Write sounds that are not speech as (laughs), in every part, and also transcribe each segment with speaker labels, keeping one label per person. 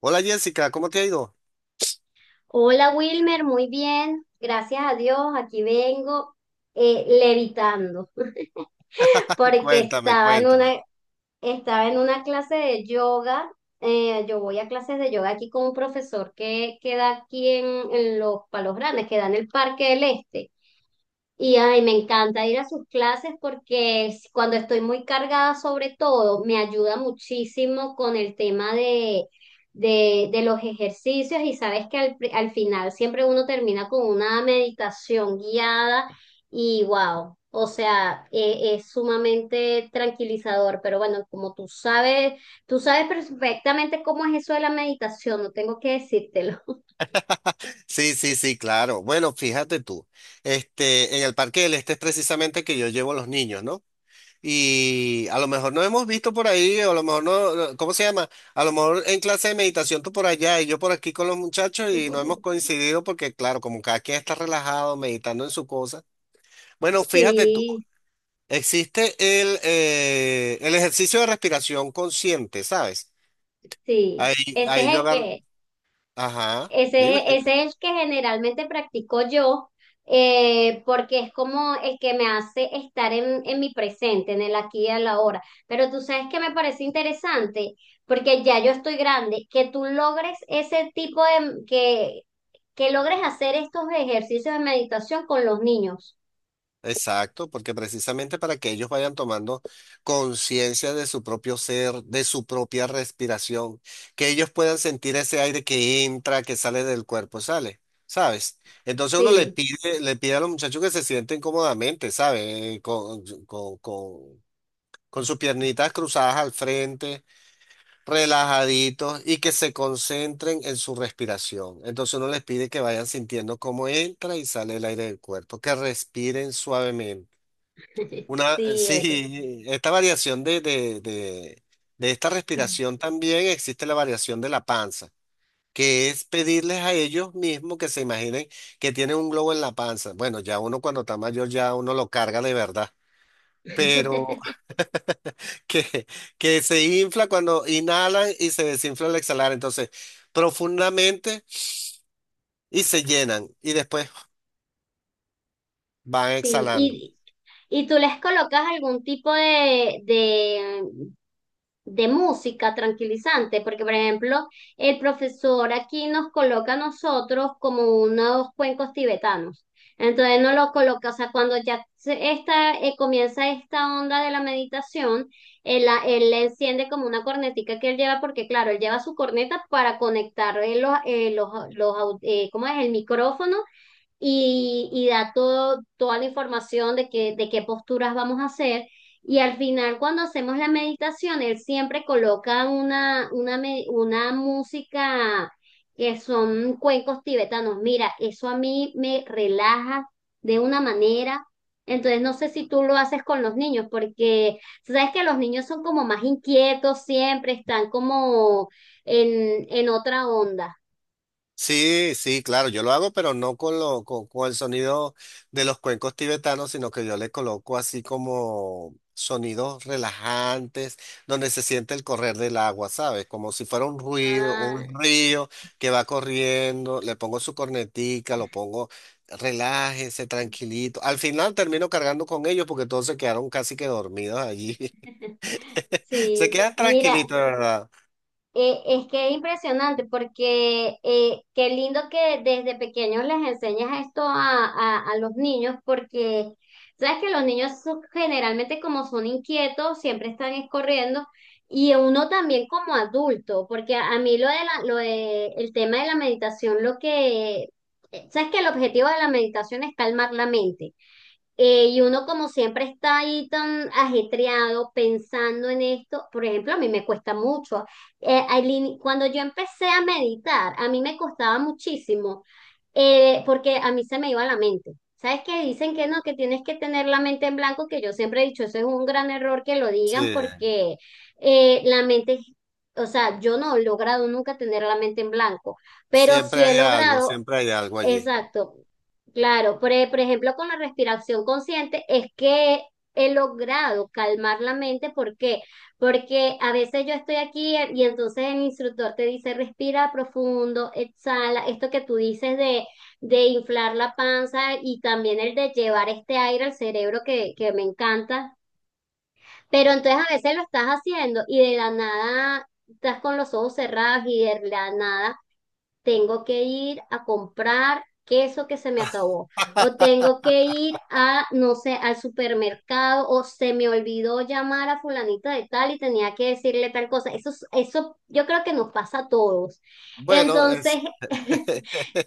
Speaker 1: Hola Jessica, ¿cómo te ha ido?
Speaker 2: Hola Wilmer, muy bien, gracias a Dios, aquí vengo levitando (laughs) porque
Speaker 1: Cuéntame,
Speaker 2: estaba en
Speaker 1: cuéntame.
Speaker 2: estaba en una clase de yoga. Yo voy a clases de yoga aquí con un profesor que queda aquí en los Palos Grandes, que da en el Parque del Este. Y ay, me encanta ir a sus clases porque cuando estoy muy cargada sobre todo, me ayuda muchísimo con el tema de los ejercicios y sabes que al final siempre uno termina con una meditación guiada y wow, o sea, es sumamente tranquilizador, pero bueno, como tú sabes perfectamente cómo es eso de la meditación, no tengo que decírtelo.
Speaker 1: Sí, sí, sí, claro. Bueno, fíjate tú, este, en el Parque del Este es precisamente que yo llevo a los niños, ¿no? Y a lo mejor no hemos visto por ahí, o a lo mejor no, no- ¿cómo se llama? A lo mejor en clase de meditación tú por allá y yo por aquí con los muchachos y no
Speaker 2: (laughs)
Speaker 1: hemos coincidido porque, claro, como cada quien está relajado, meditando en su cosa. Bueno, fíjate tú,
Speaker 2: Sí,
Speaker 1: existe el ejercicio de respiración consciente, ¿sabes?
Speaker 2: sí,
Speaker 1: Ahí,
Speaker 2: ese
Speaker 1: ahí
Speaker 2: es
Speaker 1: yo
Speaker 2: el
Speaker 1: agarro,
Speaker 2: que
Speaker 1: ajá, dime.
Speaker 2: Ese,
Speaker 1: Dime.
Speaker 2: ese es el que generalmente practico yo, porque es como el que me hace estar en mi presente, en el aquí y a la hora. Pero tú sabes que me parece interesante, porque ya yo estoy grande, que tú logres ese tipo que logres hacer estos ejercicios de meditación con los niños.
Speaker 1: Exacto, porque precisamente para que ellos vayan tomando conciencia de su propio ser, de su propia respiración, que ellos puedan sentir ese aire que entra, que sale del cuerpo, sale, ¿sabes? Entonces uno
Speaker 2: Sí,
Speaker 1: le pide a los muchachos que se sienten cómodamente, ¿sabes? Con sus piernitas cruzadas al frente, relajaditos y que se concentren en su respiración. Entonces uno les pide que vayan sintiendo cómo entra y sale el aire del cuerpo, que respiren suavemente.
Speaker 2: (laughs)
Speaker 1: Una,
Speaker 2: sí, eso.
Speaker 1: sí, esta variación de esta respiración también existe la variación de la panza, que es pedirles a ellos mismos que se imaginen que tienen un globo en la panza. Bueno, ya uno cuando está mayor ya uno lo carga de verdad, pero
Speaker 2: (laughs)
Speaker 1: (laughs) que, que se infla cuando inhalan y se desinfla al exhalar. Entonces, profundamente y se llenan y después van
Speaker 2: Sí,
Speaker 1: exhalando.
Speaker 2: y tú les colocas algún tipo de música tranquilizante, porque por ejemplo, el profesor aquí nos coloca a nosotros como unos cuencos tibetanos. Entonces no lo coloca, o sea, cuando esta, comienza esta onda de la meditación, él la enciende como una cornetica que él lleva, porque claro, él lleva su corneta para conectar ¿cómo es? El micrófono y da toda la información de que de qué posturas vamos a hacer. Y al final, cuando hacemos la meditación, él siempre coloca una música que son cuencos tibetanos. Mira, eso a mí me relaja de una manera. Entonces, no sé si tú lo haces con los niños, porque tú sabes que los niños son como más inquietos siempre, están como en otra onda.
Speaker 1: Sí, sí, claro, yo lo hago, pero no con, lo, con el sonido de los cuencos tibetanos, sino que yo le coloco así como sonidos relajantes, donde se siente el correr del agua, ¿sabes? Como si fuera un ruido,
Speaker 2: Ah,
Speaker 1: un río que va corriendo, le pongo su cornetica, lo pongo, relájese, tranquilito. Al final termino cargando con ellos porque todos se quedaron casi que dormidos allí. (laughs) Se
Speaker 2: sí,
Speaker 1: quedan
Speaker 2: mira,
Speaker 1: tranquilitos, de ¿verdad?
Speaker 2: Es que es impresionante porque qué lindo que desde pequeños les enseñas esto a los niños porque sabes que los niños generalmente como son inquietos siempre están es corriendo y uno también como adulto porque a mí lo de la, lo de el tema de la meditación lo que sabes que el objetivo de la meditación es calmar la mente, y uno como siempre está ahí tan ajetreado pensando en esto, por ejemplo, a mí me cuesta mucho. Aileen, cuando yo empecé a meditar, a mí me costaba muchísimo, porque a mí se me iba la mente. ¿Sabes qué? Dicen que no, que tienes que tener la mente en blanco, que yo siempre he dicho, eso es un gran error que lo digan
Speaker 1: Sí,
Speaker 2: porque eh, la mente, o sea, yo no he logrado nunca tener la mente en blanco, pero sí he logrado.
Speaker 1: siempre hay algo allí.
Speaker 2: Exacto, claro. Por ejemplo, con la respiración consciente es que he logrado calmar la mente. ¿Por qué? Porque a veces yo estoy aquí, y entonces el instructor te dice respira profundo, exhala, esto que tú dices de inflar la panza y también el de llevar este aire al cerebro que me encanta. Pero entonces a veces lo estás haciendo y de la nada estás con los ojos cerrados y de la nada tengo que ir a comprar queso que se me acabó, o tengo que ir a, no sé, al supermercado, o se me olvidó llamar a fulanita de tal y tenía que decirle tal cosa. Eso, eso yo creo que nos pasa a todos.
Speaker 1: Bueno, el
Speaker 2: Entonces, (laughs)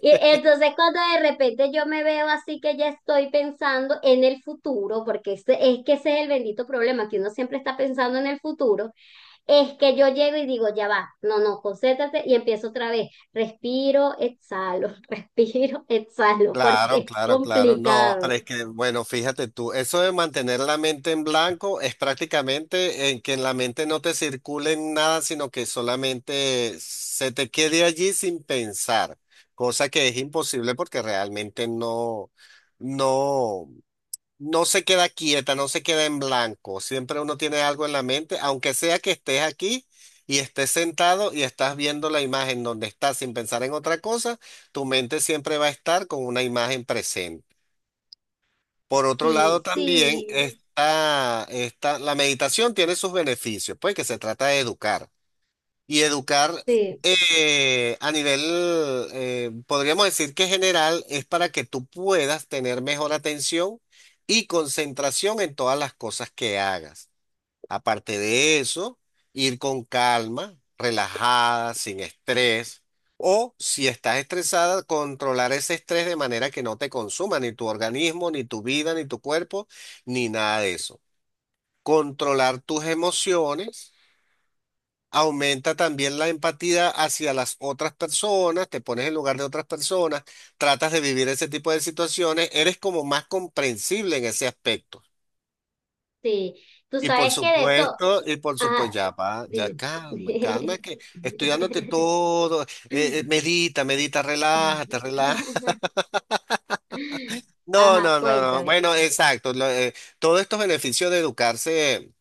Speaker 2: y entonces cuando de repente yo me veo así que ya estoy pensando en el futuro, porque es que ese es el bendito problema, que uno siempre está pensando en el futuro, es que yo llego y digo, ya va, no, no, concéntrate y empiezo otra vez. Respiro, exhalo, (laughs) respiro, exhalo, porque
Speaker 1: claro,
Speaker 2: es
Speaker 1: claro, claro. No, pero
Speaker 2: complicado.
Speaker 1: es que, bueno, fíjate tú, eso de mantener la mente en blanco es prácticamente en que en la mente no te circule nada, sino que solamente se te quede allí sin pensar, cosa que es imposible porque realmente no, no. No se queda quieta, no se queda en blanco. Siempre uno tiene algo en la mente, aunque sea que estés aquí y estés sentado y estás viendo la imagen donde estás sin pensar en otra cosa, tu mente siempre va a estar con una imagen presente. Por otro lado,
Speaker 2: Sí,
Speaker 1: también
Speaker 2: sí,
Speaker 1: está la meditación tiene sus beneficios, pues que se trata de educar y educar
Speaker 2: sí,
Speaker 1: a nivel, podríamos decir que general, es para que tú puedas tener mejor atención y concentración en todas las cosas que hagas. Aparte de eso, ir con calma, relajada, sin estrés. O si estás estresada, controlar ese estrés de manera que no te consuma ni tu organismo, ni tu vida, ni tu cuerpo, ni nada de eso. Controlar tus emociones. Aumenta también la empatía hacia las otras personas, te pones en lugar de otras personas, tratas de vivir ese tipo de situaciones, eres como más comprensible en ese aspecto.
Speaker 2: sí. Tú sabes que de eso,
Speaker 1: Y por supuesto,
Speaker 2: ajá,
Speaker 1: ya va, ya
Speaker 2: dime.
Speaker 1: calma, calma, que estoy dándote
Speaker 2: (laughs)
Speaker 1: todo, medita, medita, relájate, relájate. No,
Speaker 2: Ajá,
Speaker 1: no, no, no.
Speaker 2: cuéntame.
Speaker 1: Bueno, exacto. Lo, todos estos beneficios de educarse,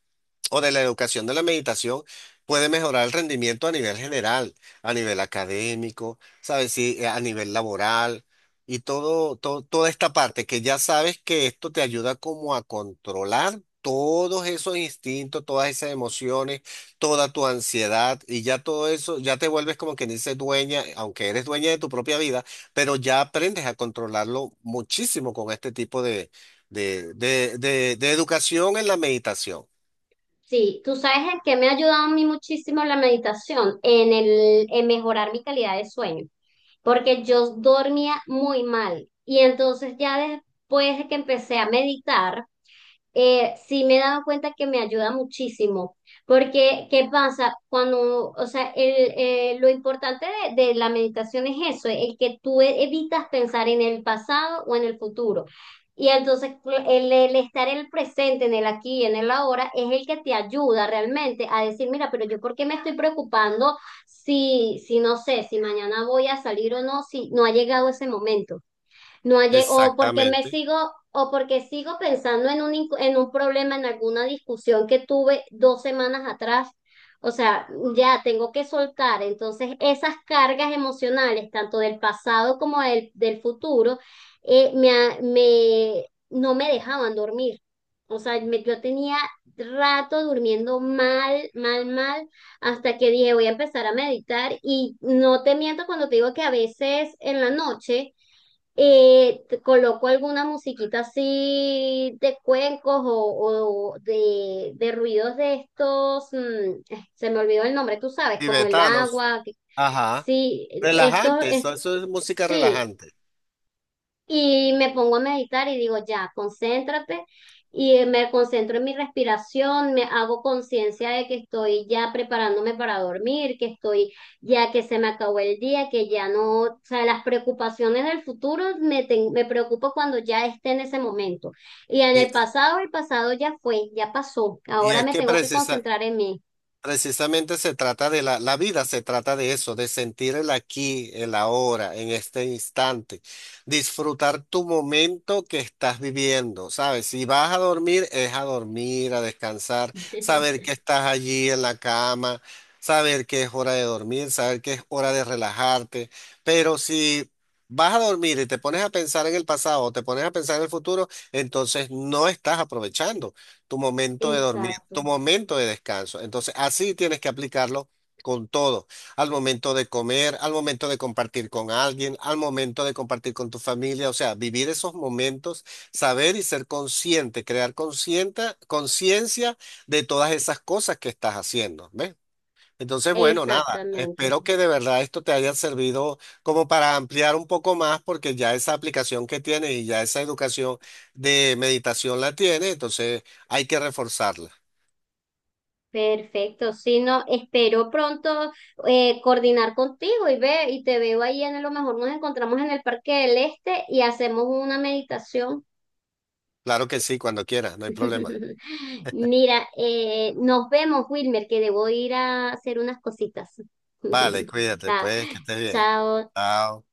Speaker 1: o de la educación de la meditación, puede mejorar el rendimiento a nivel general, a nivel académico, ¿sabes? Sí, a nivel laboral y todo, todo, toda esta parte que ya sabes que esto te ayuda como a controlar todos esos instintos, todas esas emociones, toda tu ansiedad y ya todo eso, ya te vuelves como quien dice dueña, aunque eres dueña de tu propia vida, pero ya aprendes a controlarlo muchísimo con este tipo de, de educación en la meditación.
Speaker 2: Sí, tú sabes el que me ha ayudado a mí muchísimo la meditación en en mejorar mi calidad de sueño, porque yo dormía muy mal. Y entonces ya después de que empecé a meditar, sí me he dado cuenta que me ayuda muchísimo, porque ¿qué pasa? Cuando, o sea, lo importante de la meditación es eso, el que evitas pensar en el pasado o en el futuro. Y entonces el estar en el presente, en el aquí y en el ahora, es el que te ayuda realmente a decir, mira, pero yo ¿por qué me estoy preocupando si, si no sé, si mañana voy a salir o no, si no ha llegado ese momento? No hay, o porque me
Speaker 1: Exactamente.
Speaker 2: sigo, o porque sigo pensando en en un problema, en alguna discusión que tuve dos semanas atrás. O sea, ya tengo que soltar. Entonces, esas cargas emocionales, tanto del pasado como del futuro, me, no me dejaban dormir. O sea, yo tenía rato durmiendo mal, mal, mal, hasta que dije, voy a empezar a meditar. Y no te miento cuando te digo que a veces en la noche te coloco alguna musiquita así de cuencos o de ruidos de estos, se me olvidó el nombre, tú sabes, como el
Speaker 1: Tibetanos.
Speaker 2: agua,
Speaker 1: Ajá.
Speaker 2: sí, estos,
Speaker 1: Relajante.
Speaker 2: es-
Speaker 1: Eso es música
Speaker 2: sí,
Speaker 1: relajante.
Speaker 2: y me pongo a meditar y digo, ya, concéntrate. Y me concentro en mi respiración, me hago conciencia de que estoy ya preparándome para dormir, que estoy ya, que se me acabó el día, que ya no, o sea, las preocupaciones del futuro me preocupo cuando ya esté en ese momento. Y en
Speaker 1: Y,
Speaker 2: el pasado ya fue, ya pasó.
Speaker 1: y
Speaker 2: Ahora
Speaker 1: es
Speaker 2: me
Speaker 1: que
Speaker 2: tengo que
Speaker 1: precisa,
Speaker 2: concentrar en mí.
Speaker 1: Precisamente se trata de la, la vida, se trata de eso, de sentir el aquí, el ahora, en este instante, disfrutar tu momento que estás viviendo, ¿sabes? Si vas a dormir, es a dormir, a descansar, saber
Speaker 2: (laughs)
Speaker 1: que estás allí en la cama, saber que es hora de dormir, saber que es hora de relajarte, pero si vas a dormir y te pones a pensar en el pasado o te pones a pensar en el futuro, entonces no estás aprovechando tu momento de dormir,
Speaker 2: Exacto,
Speaker 1: tu momento de descanso. Entonces, así tienes que aplicarlo con todo, al momento de comer, al momento de compartir con alguien, al momento de compartir con tu familia, o sea, vivir esos momentos, saber y ser consciente, crear consciente, conciencia de todas esas cosas que estás haciendo, ¿ves? Entonces, bueno, nada,
Speaker 2: exactamente.
Speaker 1: espero que de verdad esto te haya servido como para ampliar un poco más, porque ya esa aplicación que tienes y ya esa educación de meditación la tienes, entonces hay que reforzarla.
Speaker 2: Perfecto, si no, espero pronto coordinar contigo y ve, y te veo ahí, en, a lo mejor nos encontramos en el Parque del Este y hacemos una meditación.
Speaker 1: Claro que sí, cuando quieras, no hay problema.
Speaker 2: (laughs) Mira, nos vemos, Wilmer, que debo ir a hacer unas cositas.
Speaker 1: Vale,
Speaker 2: (laughs)
Speaker 1: cuídate,
Speaker 2: Chao.
Speaker 1: pues, que estés bien.
Speaker 2: Chao.
Speaker 1: Chao.